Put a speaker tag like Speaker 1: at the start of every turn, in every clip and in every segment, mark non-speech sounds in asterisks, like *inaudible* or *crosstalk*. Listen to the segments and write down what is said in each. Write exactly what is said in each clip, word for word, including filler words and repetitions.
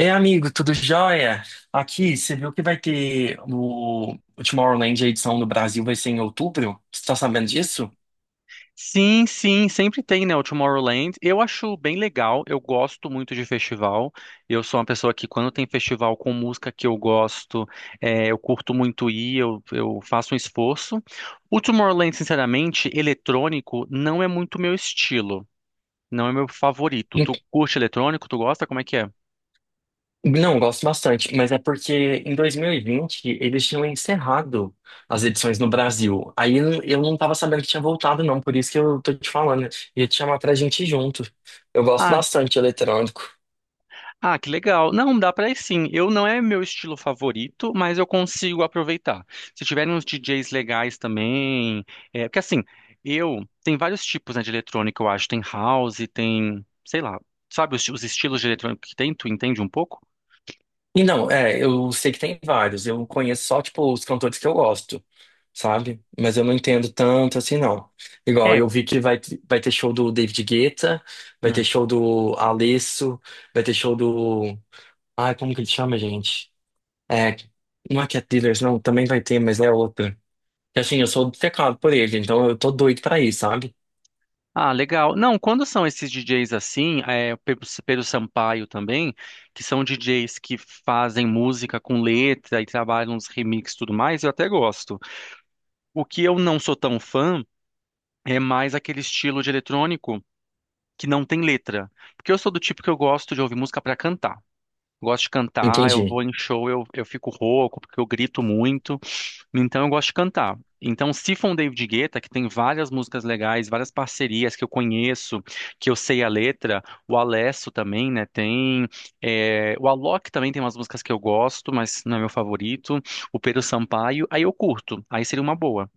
Speaker 1: É amigo, tudo jóia? Aqui, você viu que vai ter o, o Tomorrowland, a edição no Brasil vai ser em outubro? Você tá sabendo disso?
Speaker 2: Sim, sim, sempre tem, né, o Tomorrowland. Eu acho bem legal, eu gosto muito de festival. Eu sou uma pessoa que, quando tem festival com música que eu gosto, eh, eu curto muito ir, eu, eu faço um esforço. O Tomorrowland, sinceramente, eletrônico não é muito meu estilo, não é meu favorito. Tu
Speaker 1: Ent-
Speaker 2: curte eletrônico? Tu gosta? Como é que é?
Speaker 1: Não, gosto bastante, mas é porque em dois mil e vinte eles tinham encerrado as edições no Brasil. Aí eu eu não tava sabendo que tinha voltado, não, por isso que eu tô te falando. Ia te chamar pra gente ir junto. Eu gosto bastante de eletrônico.
Speaker 2: Ah, que legal. Não, dá pra ir sim. Eu não é meu estilo favorito, mas eu consigo aproveitar. Se tiverem uns D Js legais também, é, porque assim, eu tem vários tipos, né, de eletrônica, eu acho. Tem house, tem, sei lá, sabe os, os estilos de eletrônica que tem? Tu entende um pouco?
Speaker 1: E não, é, eu sei que tem vários, eu conheço só, tipo, os cantores que eu gosto, sabe? Mas eu não entendo tanto assim, não. Igual,
Speaker 2: É.
Speaker 1: eu vi que vai, vai ter show do David Guetta, vai ter
Speaker 2: Hum.
Speaker 1: show do Alesso, vai ter show do. Ai, como que ele chama, gente? É, não é Cat Dealers, não, também vai ter, mas é outra. E, assim, eu sou obcecado por ele, então eu tô doido pra ir, sabe?
Speaker 2: Ah, legal. Não, quando são esses D Js assim, é, o Pedro Pedro Sampaio também, que são D Js que fazem música com letra e trabalham uns remixes e tudo mais, eu até gosto. O que eu não sou tão fã é mais aquele estilo de eletrônico que não tem letra. Porque eu sou do tipo que eu gosto de ouvir música para cantar. Gosto de cantar, eu
Speaker 1: Entendi.
Speaker 2: vou em show, eu, eu fico rouco, porque eu grito muito. Então eu gosto de cantar. Então, se for um David Guetta, que tem várias músicas legais, várias parcerias que eu conheço, que eu sei a letra, o Alesso também, né? Tem. É, o Alok também tem umas músicas que eu gosto, mas não é meu favorito. O Pedro Sampaio, aí eu curto, aí seria uma boa.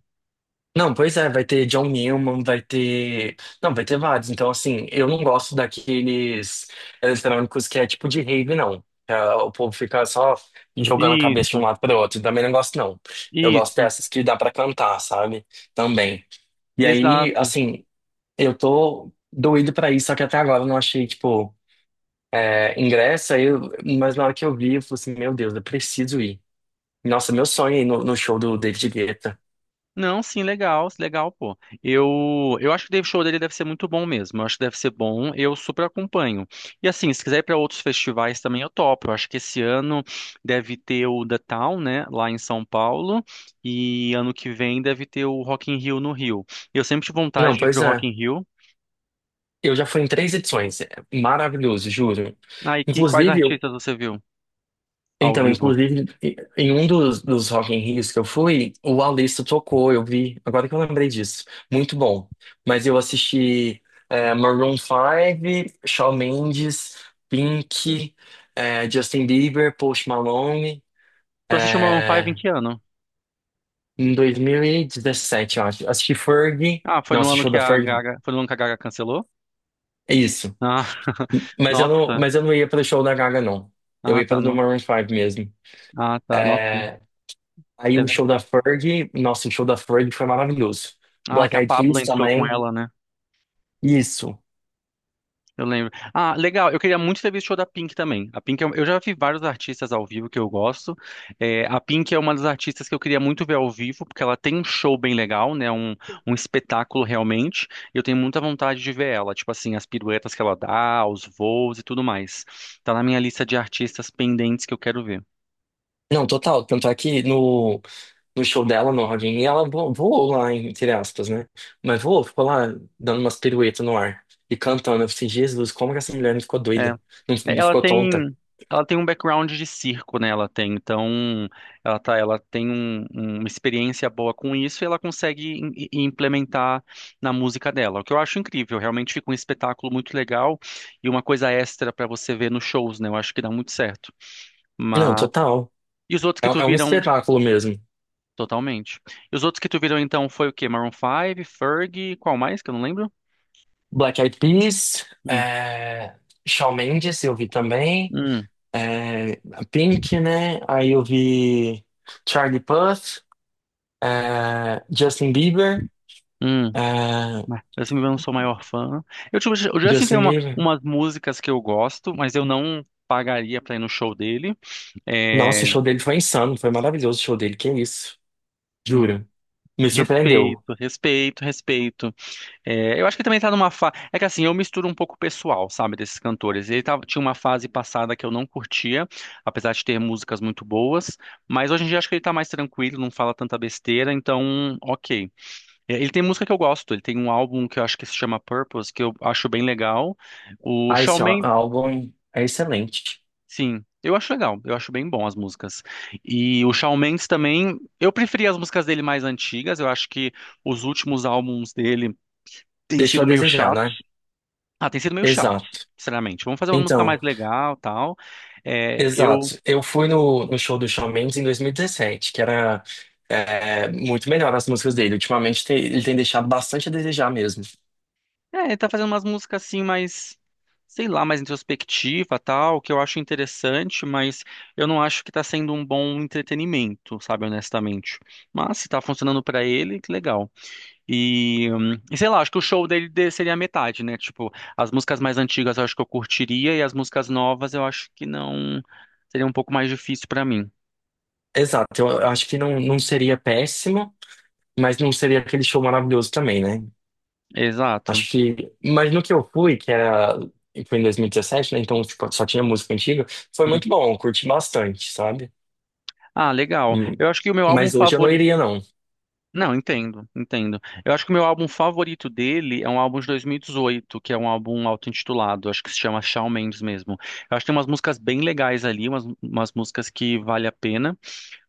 Speaker 1: Não, pois é, vai ter John Newman, vai ter. Não, vai ter vários. Então, assim, eu não gosto daqueles eletrônicos que é tipo de rave, não. É, o povo fica só jogando a cabeça de
Speaker 2: Isso,
Speaker 1: um lado para o outro. Também não gosto, não. Eu gosto
Speaker 2: isso,
Speaker 1: dessas que dá para cantar, sabe? Também. E aí,
Speaker 2: exato.
Speaker 1: assim, eu tô doido para ir, só que até agora eu não achei, tipo, é, ingresso. Aí eu- Mas na hora que eu vi, eu falei assim: meu Deus, eu preciso ir. Nossa, meu sonho é ir no, no show do David Guetta.
Speaker 2: Não, sim, legal, legal, pô. Eu, eu acho que o show dele deve ser muito bom mesmo. Eu acho que deve ser bom, eu super acompanho. E assim, se quiser ir para outros festivais também, eu topo. Eu acho que esse ano deve ter o The Town, né, lá em São Paulo, e ano que vem deve ter o Rock in Rio no Rio. Eu sempre tive vontade
Speaker 1: Não,
Speaker 2: de ir
Speaker 1: pois
Speaker 2: pro Rock
Speaker 1: é.
Speaker 2: in Rio.
Speaker 1: Eu já fui em três edições. É maravilhoso, juro.
Speaker 2: Ah, e que quais
Speaker 1: Inclusive, eu...
Speaker 2: artistas você viu ao
Speaker 1: Então,
Speaker 2: vivo?
Speaker 1: inclusive, em um dos, dos Rock in Rios que eu fui, o Alice tocou, eu vi. Agora que eu lembrei disso. Muito bom. Mas eu assisti é, Maroon five, Shawn Mendes, Pink, é, Justin Bieber, Post Malone.
Speaker 2: Tu assistiu Maroon cinco em
Speaker 1: é,
Speaker 2: que ano?
Speaker 1: em dois mil e dezessete, eu acho. Assisti Fergie.
Speaker 2: Ah, foi no
Speaker 1: Nossa, o
Speaker 2: ano
Speaker 1: show
Speaker 2: que
Speaker 1: da
Speaker 2: a
Speaker 1: Fergie.
Speaker 2: Gaga, foi no ano que a Gaga cancelou?
Speaker 1: É isso.
Speaker 2: Ah, *laughs*
Speaker 1: Mas eu não,
Speaker 2: nossa.
Speaker 1: mas eu não ia para o show da Gaga, não. Eu
Speaker 2: Ah,
Speaker 1: ia
Speaker 2: tá,
Speaker 1: para o do
Speaker 2: no...
Speaker 1: Maroon five mesmo.
Speaker 2: ah, tá, nossa.
Speaker 1: É, aí
Speaker 2: É.
Speaker 1: o show da Ferg, nossa, o show da Ferg foi maravilhoso.
Speaker 2: Ah,
Speaker 1: Black
Speaker 2: que a
Speaker 1: Eyed
Speaker 2: Pabllo
Speaker 1: Peas
Speaker 2: entrou com
Speaker 1: também.
Speaker 2: ela, né?
Speaker 1: Isso.
Speaker 2: Eu lembro. Ah, legal. Eu queria muito ter visto o show da Pink também. A Pink, eu, eu já vi vários artistas ao vivo que eu gosto. É, a Pink é uma das artistas que eu queria muito ver ao vivo, porque ela tem um show bem legal, né? Um, um espetáculo realmente. E eu tenho muita vontade de ver ela. Tipo assim, as piruetas que ela dá, os voos e tudo mais. Tá na minha lista de artistas pendentes que eu quero ver.
Speaker 1: Não, total. Tanto é que no, no show dela, no Rock in Rio, ela vo- voou lá, entre aspas, né? Mas voou, ficou lá dando umas piruetas no ar e cantando. Eu falei, Jesus, como que essa mulher não ficou
Speaker 2: É.
Speaker 1: doida? Não, não
Speaker 2: Ela
Speaker 1: ficou tonta?
Speaker 2: tem, ela tem um background de circo, né? Ela tem, então, ela tá, ela tem um- um, uma experiência boa com isso e ela consegue im- i- implementar na música dela, o que eu acho incrível. Realmente fica um espetáculo muito legal e uma coisa extra pra você ver nos shows, né? Eu acho que dá muito certo.
Speaker 1: Não,
Speaker 2: Mas
Speaker 1: total.
Speaker 2: e os outros
Speaker 1: É,
Speaker 2: que tu
Speaker 1: é um
Speaker 2: viram
Speaker 1: espetáculo mesmo.
Speaker 2: totalmente? E os outros que tu viram então foi o quê? Maroon Five, Fergie, qual mais que eu não lembro?
Speaker 1: Black Eyed Peas,
Speaker 2: Hum,
Speaker 1: é, Shawn Mendes eu vi também,
Speaker 2: hum,
Speaker 1: é, Pink, né? Aí eu vi Charlie Puth, é, Justin Bieber,
Speaker 2: hum.
Speaker 1: é,
Speaker 2: Mas, assim, eu não sou o maior fã. Eu, tipo, o Justin tem
Speaker 1: Justin
Speaker 2: uma,
Speaker 1: Bieber.
Speaker 2: umas músicas que eu gosto, mas eu não pagaria pra ir no show dele.
Speaker 1: Nossa, o
Speaker 2: É,
Speaker 1: show dele foi insano, foi maravilhoso o show dele, que isso,
Speaker 2: hum,
Speaker 1: juro. Me surpreendeu.
Speaker 2: respeito, respeito, respeito. É, eu acho que também tá numa fase. É que assim, eu misturo um pouco o pessoal, sabe, desses cantores. Ele tava, tinha uma fase passada que eu não curtia, apesar de ter músicas muito boas. Mas hoje em dia acho que ele tá mais tranquilo, não fala tanta besteira, então, ok. É, Ele tem música que eu gosto, ele tem um álbum que eu acho que se chama Purpose, que eu acho bem legal. O
Speaker 1: Ah,
Speaker 2: Shawn
Speaker 1: esse á-
Speaker 2: Mendes.
Speaker 1: álbum é excelente.
Speaker 2: Sim, eu acho legal, eu acho bem bom as músicas. E o Shawn Mendes também, eu preferia as músicas dele mais antigas, eu acho que os últimos álbuns dele têm
Speaker 1: Deixou a
Speaker 2: sido meio
Speaker 1: desejar,
Speaker 2: chatos.
Speaker 1: né?
Speaker 2: Ah, têm sido meio chatos,
Speaker 1: Exato.
Speaker 2: sinceramente. Vamos fazer uma música mais
Speaker 1: Então,
Speaker 2: legal, tal. É, eu,
Speaker 1: exato. Eu fui no, no show do Shawn Mendes em dois mil e dezessete, que era é, muito melhor as músicas dele. Ultimamente tem- ele tem deixado bastante a desejar mesmo.
Speaker 2: é, ele tá fazendo umas músicas assim mais, sei lá, mais introspectiva, tal, que eu acho interessante, mas eu não acho que tá sendo um bom entretenimento, sabe, honestamente. Mas se tá funcionando pra ele, que legal. E, hum, e sei lá, acho que o show dele de- seria a metade, né? Tipo, as músicas mais antigas eu acho que eu curtiria e as músicas novas eu acho que não. Seria um pouco mais difícil pra mim.
Speaker 1: Exato. Eu acho que não, não seria péssimo, mas não seria aquele show maravilhoso também, né?
Speaker 2: Exato.
Speaker 1: Acho que. Mas no que eu fui, que era. Foi em dois mil e dezessete, né? Então tipo, só tinha música antiga. Foi
Speaker 2: Hum.
Speaker 1: muito bom, eu curti bastante, sabe?
Speaker 2: Ah, legal.
Speaker 1: Hum,
Speaker 2: Eu acho que o meu álbum
Speaker 1: Mas hoje eu não
Speaker 2: favorito.
Speaker 1: iria, não.
Speaker 2: Não, entendo, entendo. Eu acho que o meu álbum favorito dele é um álbum de dois mil e dezoito, que é um álbum auto-intitulado, acho que se chama Shawn Mendes mesmo. Eu acho que tem umas músicas bem legais ali, umas, umas músicas que vale a pena.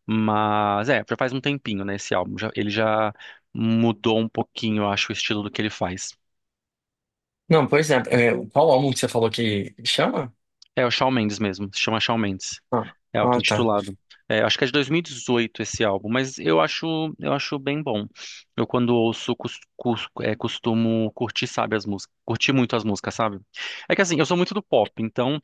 Speaker 2: Mas é, já faz um tempinho, né, esse álbum. Já- ele já mudou um pouquinho, eu acho, o estilo do que ele faz.
Speaker 1: Não, pois é. é, Qual álbum que você falou que chama?
Speaker 2: É o Shawn Mendes mesmo, se chama Shawn Mendes.
Speaker 1: Ah,
Speaker 2: É
Speaker 1: ah, tá.
Speaker 2: auto-intitulado. É, acho que é de dois mil e dezoito esse álbum, mas eu acho, eu acho bem bom. Eu quando ouço, cus- cus- é, costumo curtir, sabe, as músicas, curtir muito as músicas, sabe? É que assim, eu sou muito do pop, então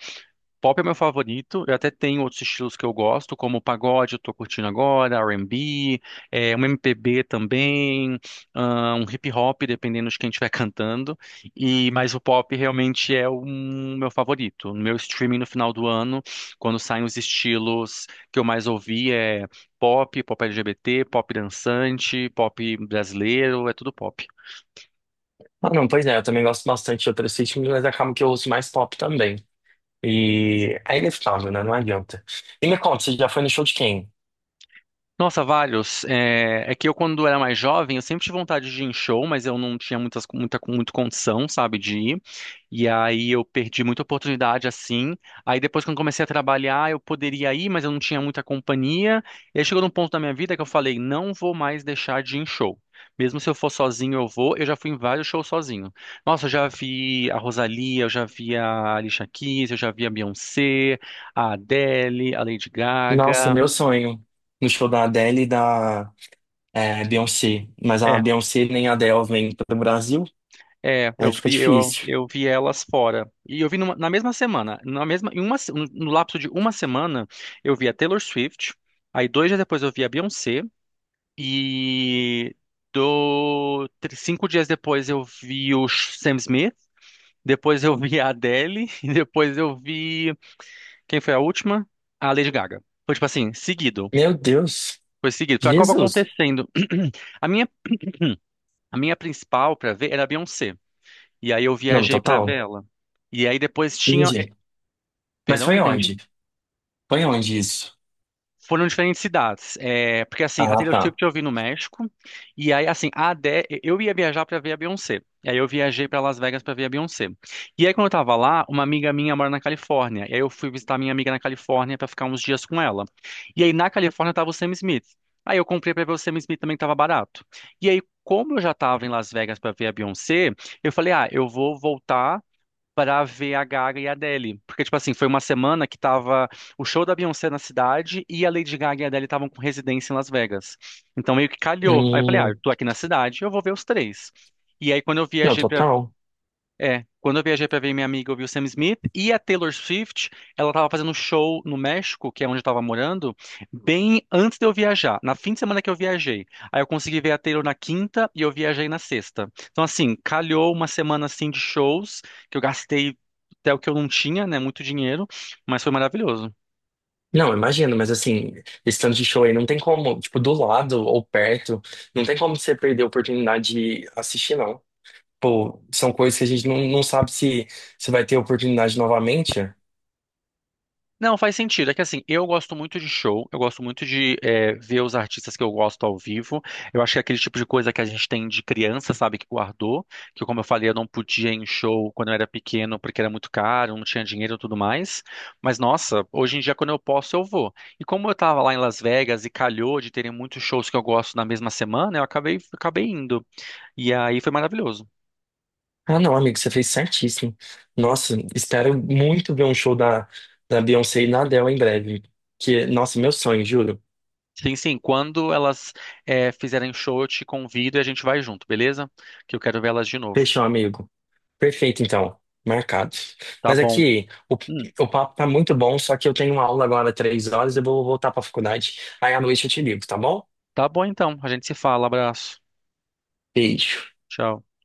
Speaker 2: pop é meu favorito. Eu até tenho outros estilos que eu gosto, como o pagode, eu tô curtindo agora, R B, é, um M P B também, ah, um hip hop, dependendo de quem estiver *laughs* cantando. E mas o pop realmente é o meu favorito. No meu streaming no final do ano, quando saem os estilos que eu mais ouvi é pop, pop L G B T, pop dançante, pop brasileiro, é tudo pop.
Speaker 1: Ah, não, pois é, eu também gosto bastante de outros ritmos, mas acaba que eu ouço mais pop também. E é inevitável, né? Não adianta. E me conta, você já foi no show de quem?
Speaker 2: Nossa, vários. É, é que eu, quando era mais jovem, eu sempre tive vontade de ir em show, mas eu não tinha muitas, muita, muito condição, sabe, de ir. E aí eu perdi muita oportunidade assim. Aí depois, quando comecei a trabalhar, eu poderia ir, mas eu não tinha muita companhia. E aí chegou num ponto da minha vida que eu falei: não vou mais deixar de ir em show. Mesmo se eu for sozinho, eu vou. Eu já fui em vários shows sozinho. Nossa, eu já vi a Rosalía, eu já vi a Alicia Keys, eu já vi a Beyoncé, a Adele, a Lady
Speaker 1: Nossa,
Speaker 2: Gaga.
Speaker 1: meu sonho. No show da Adele e da é, Beyoncé. Mas a
Speaker 2: É.
Speaker 1: Beyoncé nem a Adele vem pro Brasil,
Speaker 2: É,
Speaker 1: aí
Speaker 2: eu
Speaker 1: fica
Speaker 2: vi, eu,
Speaker 1: difícil.
Speaker 2: eu vi elas fora. E eu vi numa- na mesma semana, na mesma, em uma, se- no lapso de uma semana, eu vi a Taylor Swift, aí dois dias depois eu vi a Beyoncé, e do, tr- cinco dias depois eu vi o Sh- Sam Smith, depois eu vi a Adele, *laughs* e depois eu vi, quem foi a última? A Lady Gaga. Foi tipo assim, seguido.
Speaker 1: Meu Deus.
Speaker 2: Foi seguido. Foi a Copa
Speaker 1: Jesus.
Speaker 2: acontecendo. *clears throat* A minha, a minha principal pra ver era a Beyoncé. E aí eu
Speaker 1: Não,
Speaker 2: viajei pra ver
Speaker 1: total.
Speaker 2: ela. E aí depois tinha. eh,
Speaker 1: Entendi. Mas
Speaker 2: Perdão, não
Speaker 1: foi
Speaker 2: entendi.
Speaker 1: onde? Foi onde isso?
Speaker 2: Foram diferentes cidades. É, porque assim, a
Speaker 1: Ah,
Speaker 2: Taylor
Speaker 1: tá.
Speaker 2: Swift eu vi no México. E aí, assim, a Adé, eu ia viajar pra ver a Beyoncé. E aí eu viajei pra Las Vegas pra ver a Beyoncé. E aí, quando eu tava lá, uma amiga minha mora na Califórnia. E aí eu fui visitar minha amiga na Califórnia pra ficar uns dias com ela. E aí na Califórnia tava o Sam Smith. Aí eu comprei pra ver o Sam Smith também que tava barato. E aí, como eu já tava em Las Vegas pra ver a Beyoncé, eu falei, ah, eu vou voltar pra ver a Gaga e a Adele. Porque, tipo assim, foi uma semana que tava o show da Beyoncé na cidade e a Lady Gaga e a Adele estavam com residência em Las Vegas. Então meio que calhou. Aí eu falei, ah, eu
Speaker 1: Hum,
Speaker 2: tô aqui na cidade, eu vou ver os três. E aí quando eu
Speaker 1: não,
Speaker 2: viajei pra
Speaker 1: total.
Speaker 2: é, quando eu viajei pra ver minha amiga, eu vi o Sam Smith e a Taylor Swift, ela tava fazendo um show no México, que é onde eu tava morando, bem antes de eu viajar, na fim de semana que eu viajei. Aí eu consegui ver a Taylor na quinta e eu viajei na sexta. Então assim, calhou uma semana assim de shows, que eu gastei até o que eu não tinha, né, muito dinheiro, mas foi maravilhoso.
Speaker 1: Não, imagino, mas assim, esse tanto de show aí não tem como, tipo, do lado ou perto, não tem como você perder a oportunidade de assistir, não. Pô, são coisas que a gente não, não sabe se, se, vai ter oportunidade novamente.
Speaker 2: Não, faz sentido. É que assim, eu gosto muito de show, eu gosto muito de é, ver os artistas que eu gosto ao vivo. Eu acho que é aquele tipo de coisa que a gente tem de criança, sabe, que guardou, que como eu falei, eu não podia ir em show quando eu era pequeno porque era muito caro, não tinha dinheiro e tudo mais. Mas nossa, hoje em dia quando eu posso, eu vou. E como eu tava lá em Las Vegas e calhou de terem muitos shows que eu gosto na mesma semana, eu acabei, acabei indo. E aí foi maravilhoso.
Speaker 1: Ah, não, amigo, você fez certíssimo. Nossa, espero muito ver um show da, da Beyoncé e da Adele em breve. Que, nossa, meu sonho, juro.
Speaker 2: Sim, sim, quando elas é, fizerem show, eu te convido e a gente vai junto, beleza? Que eu quero ver elas de novo.
Speaker 1: Fechou, amigo. Perfeito, então. Marcado.
Speaker 2: Tá
Speaker 1: Mas
Speaker 2: bom.
Speaker 1: aqui, o,
Speaker 2: Hum,
Speaker 1: o papo tá muito bom, só que eu tenho uma aula agora três horas e eu vou voltar pra faculdade. Aí à noite eu te ligo, tá bom?
Speaker 2: tá bom então. A gente se fala. Abraço.
Speaker 1: Beijo.
Speaker 2: Tchau.